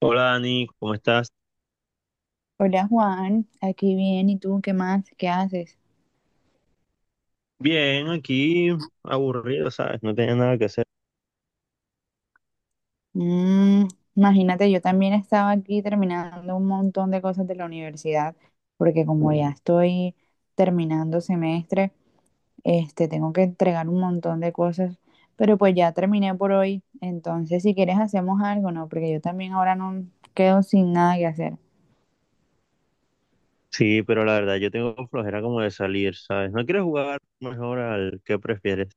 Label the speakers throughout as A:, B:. A: Hola Dani, ¿cómo estás?
B: Hola Juan, aquí bien, ¿y tú qué más? ¿Qué haces?
A: Bien, aquí aburrido, ¿sabes? No tenía nada que hacer.
B: Mm, Imagínate, yo también estaba aquí terminando un montón de cosas de la universidad, porque como ya estoy terminando semestre, este, tengo que entregar un montón de cosas, pero pues ya terminé por hoy, entonces si quieres hacemos algo, ¿no? Porque yo también ahora no quedo sin nada que hacer.
A: Sí, pero la verdad, yo tengo flojera como de salir, ¿sabes? ¿No quieres jugar mejor al que prefieres?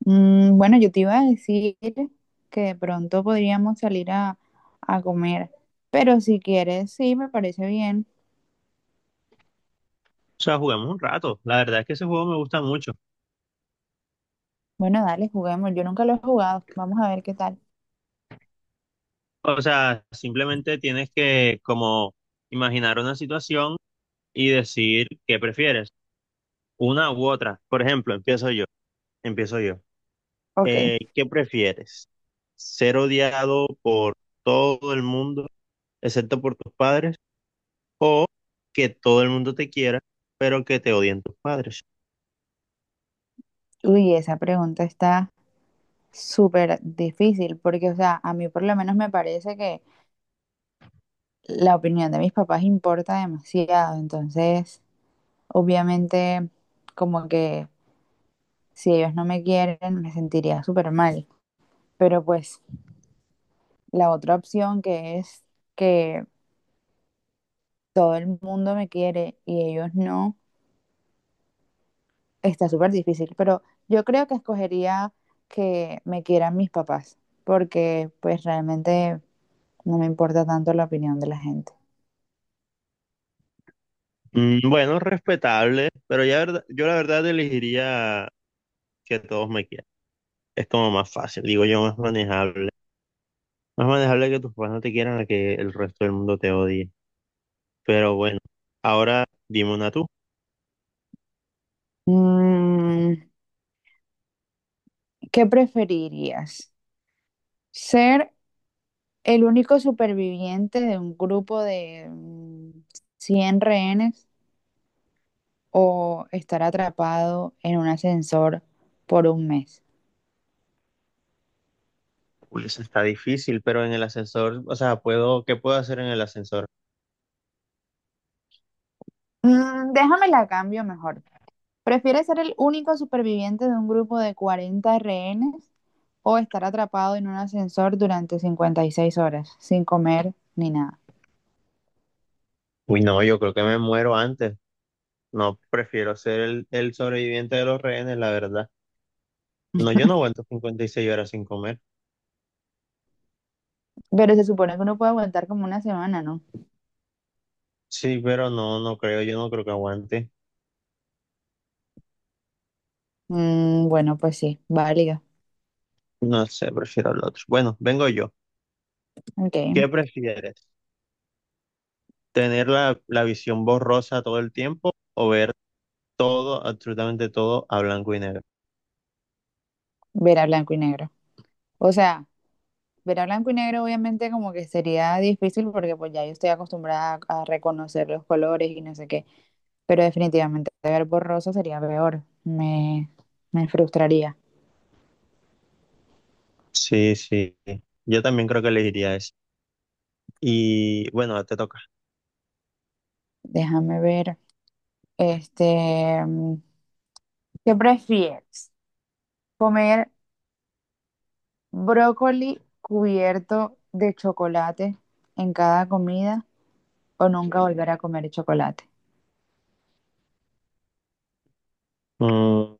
B: Mm, bueno, yo te iba a decir que de pronto podríamos salir a comer, pero si quieres, sí, me parece bien.
A: O sea, juguemos un rato. La verdad es que ese juego me gusta mucho.
B: Bueno, dale, juguemos. Yo nunca lo he jugado. Vamos a ver qué tal.
A: O sea, simplemente tienes que como imaginar una situación y decir qué prefieres, una u otra. Por ejemplo, empiezo yo, empiezo yo.
B: Ok.
A: ¿Qué prefieres? ¿Ser odiado por todo el mundo, excepto por tus padres? ¿O que todo el mundo te quiera, pero que te odien tus padres?
B: Uy, esa pregunta está súper difícil porque, o sea, a mí por lo menos me parece que la opinión de mis papás importa demasiado. Entonces, obviamente, como que si ellos no me quieren, me sentiría súper mal. Pero pues la otra opción, que es que todo el mundo me quiere y ellos no, está súper difícil, pero yo creo que escogería que me quieran mis papás, porque pues realmente no me importa tanto la opinión de la gente.
A: Bueno, respetable, pero yo la verdad elegiría que todos me quieran. Es como más fácil, digo yo, más manejable. Más manejable que tus padres no te quieran a que el resto del mundo te odie. Pero bueno, ahora dime una tú.
B: Mm, ¿qué preferirías? ¿Ser el único superviviente de un grupo de 100 rehenes o estar atrapado en un ascensor por un mes?
A: Uy, eso está difícil, pero en el ascensor, o sea, puedo, ¿qué puedo hacer en el ascensor?
B: Mm, déjame la cambio mejor. ¿Prefieres ser el único superviviente de un grupo de 40 rehenes o estar atrapado en un ascensor durante 56 horas sin comer ni nada?
A: Uy, no, yo creo que me muero antes. No, prefiero ser el sobreviviente de los rehenes, la verdad. No, yo no aguanto 56 horas sin comer.
B: Pero se supone que uno puede aguantar como una semana, ¿no?
A: Sí, pero no, no creo, yo no creo que aguante.
B: Mm, bueno, pues sí, válida.
A: No sé, prefiero el otro. Bueno, vengo yo.
B: Ok,
A: ¿Qué prefieres? ¿Tener la visión borrosa todo el tiempo, o ver todo, absolutamente todo, a blanco y negro?
B: ver a blanco y negro. O sea, ver a blanco y negro obviamente como que sería difícil porque pues ya yo estoy acostumbrada a reconocer los colores y no sé qué, pero definitivamente ver borroso sería peor. Me frustraría.
A: Sí, sí. Yo también creo que elegiría eso. Y bueno, te toca.
B: Déjame ver. Este, ¿qué prefieres? ¿Comer brócoli cubierto de chocolate en cada comida o nunca volver a comer chocolate?
A: Mm,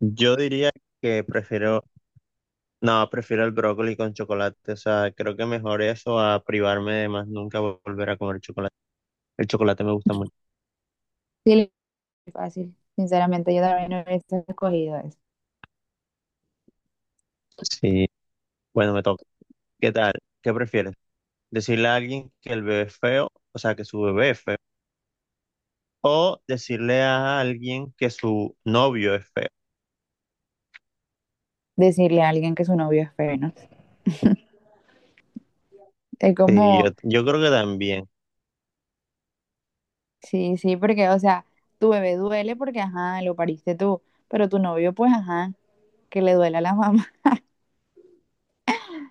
A: yo diría que prefiero, no, prefiero el brócoli con chocolate. O sea, creo que mejor eso a privarme de más nunca volver a comer chocolate. El chocolate me gusta mucho.
B: Sí, es fácil. Sinceramente, yo también hubiese escogido eso.
A: Sí, bueno, me toca. ¿Qué tal? ¿Qué prefieres? ¿Decirle a alguien que el bebé es feo, o sea, que su bebé es feo? ¿O decirle a alguien que su novio es feo?
B: Decirle a alguien que su novio es feo, ¿no? Es
A: Sí,
B: como,
A: yo creo que también.
B: sí, sí, porque, o sea, tu bebé duele porque, ajá, lo pariste tú, pero tu novio, pues, ajá, que le duela a la mamá.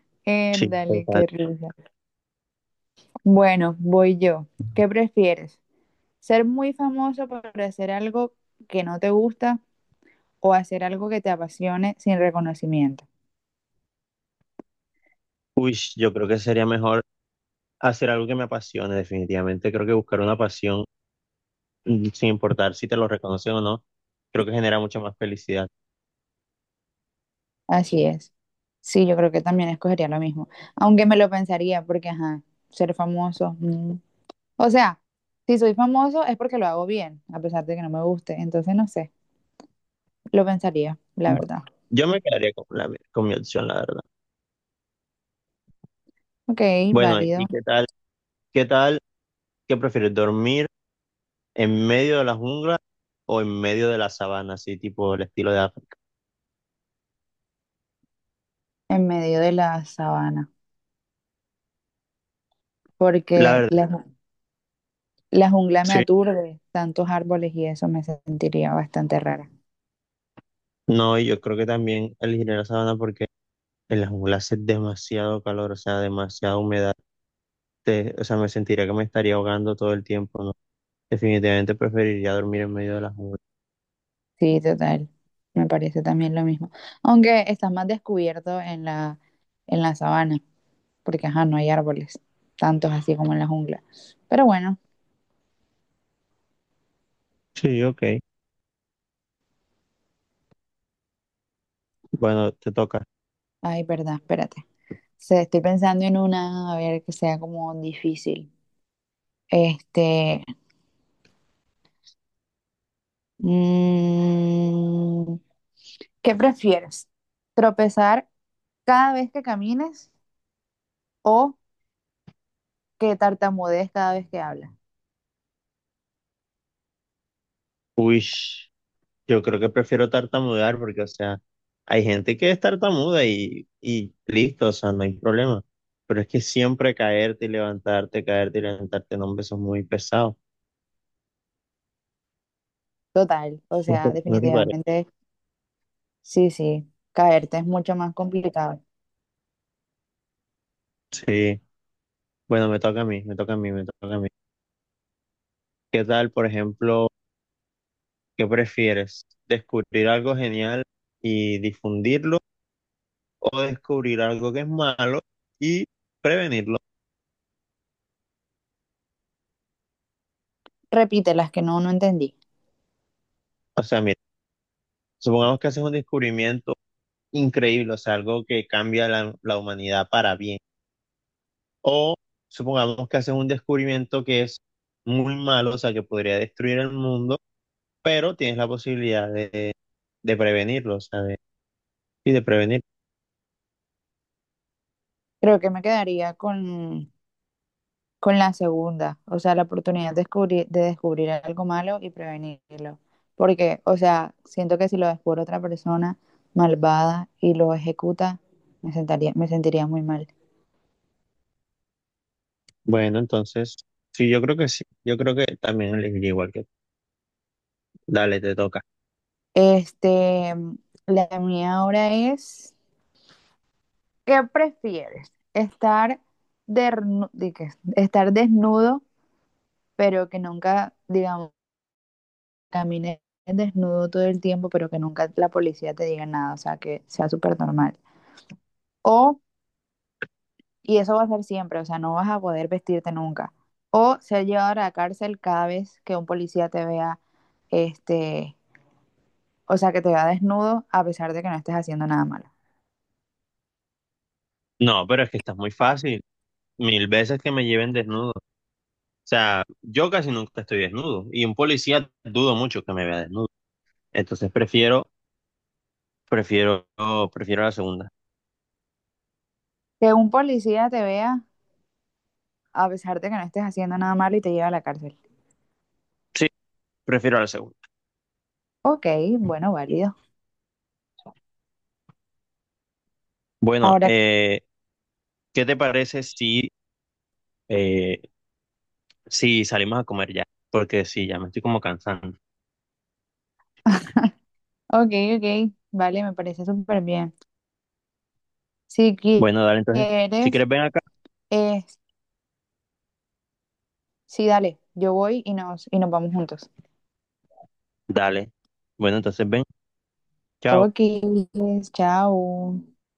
A: Sí,
B: Dale,
A: total.
B: qué risa. Bueno, voy yo. ¿Qué prefieres? ¿Ser muy famoso por hacer algo que no te gusta o hacer algo que te apasione sin reconocimiento?
A: Uy, yo creo que sería mejor hacer algo que me apasione, definitivamente. Creo que buscar una pasión, sin importar si te lo reconocen o no, creo que genera mucha más felicidad.
B: Así es. Sí, yo creo que también escogería lo mismo. Aunque me lo pensaría porque, ajá, ser famoso. Mm. O sea, si soy famoso es porque lo hago bien, a pesar de que no me guste. Entonces, no sé, lo pensaría, la verdad.
A: Yo me quedaría con con mi opción, la verdad.
B: Ok,
A: Bueno,
B: válido.
A: ¿y qué tal? ¿Qué tal? ¿Qué prefieres? ¿Dormir en medio de la jungla o en medio de la sabana, así tipo el estilo de África?
B: En medio de la sabana.
A: La
B: Porque
A: verdad,
B: la jungla me
A: sí.
B: aturde, tantos árboles y eso me sentiría bastante rara.
A: No, y yo creo que también elegiré la sabana porque en la jungla hace demasiado calor, o sea, demasiada humedad. O sea, me sentiría que me estaría ahogando todo el tiempo, ¿no? Definitivamente preferiría dormir en medio de la jungla.
B: Sí, total. Me parece también lo mismo. Aunque estás más descubierto en la, sabana, porque ajá, no hay árboles, tantos así como en la jungla. Pero bueno,
A: Sí, ok. Bueno, te toca.
B: ay, verdad, espérate. Estoy pensando en una, a ver, que sea como difícil. Este, mm, ¿qué prefieres? ¿Tropezar cada vez que camines o que tartamudees cada vez que hablas?
A: Uy, yo creo que prefiero tartamudear porque, o sea... Hay gente que es tartamuda y listo, o sea, no hay problema. Pero es que siempre caerte y levantarte, no, hombre, eso es muy pesado.
B: Total, o sea,
A: No te parece?
B: definitivamente, sí, sí, caerte es mucho más complicado.
A: Sí. Bueno, me toca a mí, me toca a mí, me toca a mí. ¿Qué tal, por ejemplo, qué prefieres? ¿Descubrir algo genial y difundirlo, o descubrir algo que es malo y prevenirlo?
B: Repite las que no, no entendí.
A: O sea, mira, supongamos que haces un descubrimiento increíble, o sea, algo que cambia la humanidad para bien. O supongamos que haces un descubrimiento que es muy malo, o sea, que podría destruir el mundo, pero tienes la posibilidad de prevenirlo, o sea, y de prevenir.
B: Creo que me quedaría con la segunda, o sea, la oportunidad de descubrir algo malo y prevenirlo. Porque, o sea, siento que si lo descubre otra persona malvada y lo ejecuta, me sentiría muy mal.
A: Bueno, entonces, sí, yo creo que sí. Yo creo que también elegiría igual que tú. Dale, te toca.
B: Este, la mía ahora es, ¿qué prefieres? ¿Estar, de qué? ¿Estar desnudo? Pero que nunca, digamos, camines desnudo todo el tiempo, pero que nunca la policía te diga nada, o sea, que sea súper normal. O, y eso va a ser siempre, o sea, no vas a poder vestirte nunca. O ser llevado a la cárcel cada vez que un policía te vea, este, o sea, que te vea desnudo a pesar de que no estés haciendo nada malo.
A: No, pero es que está muy fácil. Mil veces que me lleven desnudo. O sea, yo casi nunca estoy desnudo y un policía dudo mucho que me vea desnudo. Entonces prefiero, prefiero la segunda.
B: Que un policía te vea a pesar de que no estés haciendo nada malo y te lleve a la cárcel.
A: Sí, prefiero la segunda.
B: Ok, bueno, válido.
A: Bueno,
B: Ahora,
A: ¿qué te parece si, eh, si salimos a comer ya? Porque sí, ya me estoy como cansando.
B: ok, ok, vale, me parece súper bien. Si
A: Bueno, dale, entonces, si
B: quieres,
A: quieres ven acá,
B: eh, sí, dale, yo voy y nos vamos juntos.
A: dale. Bueno, entonces ven, chao.
B: Ok, chao.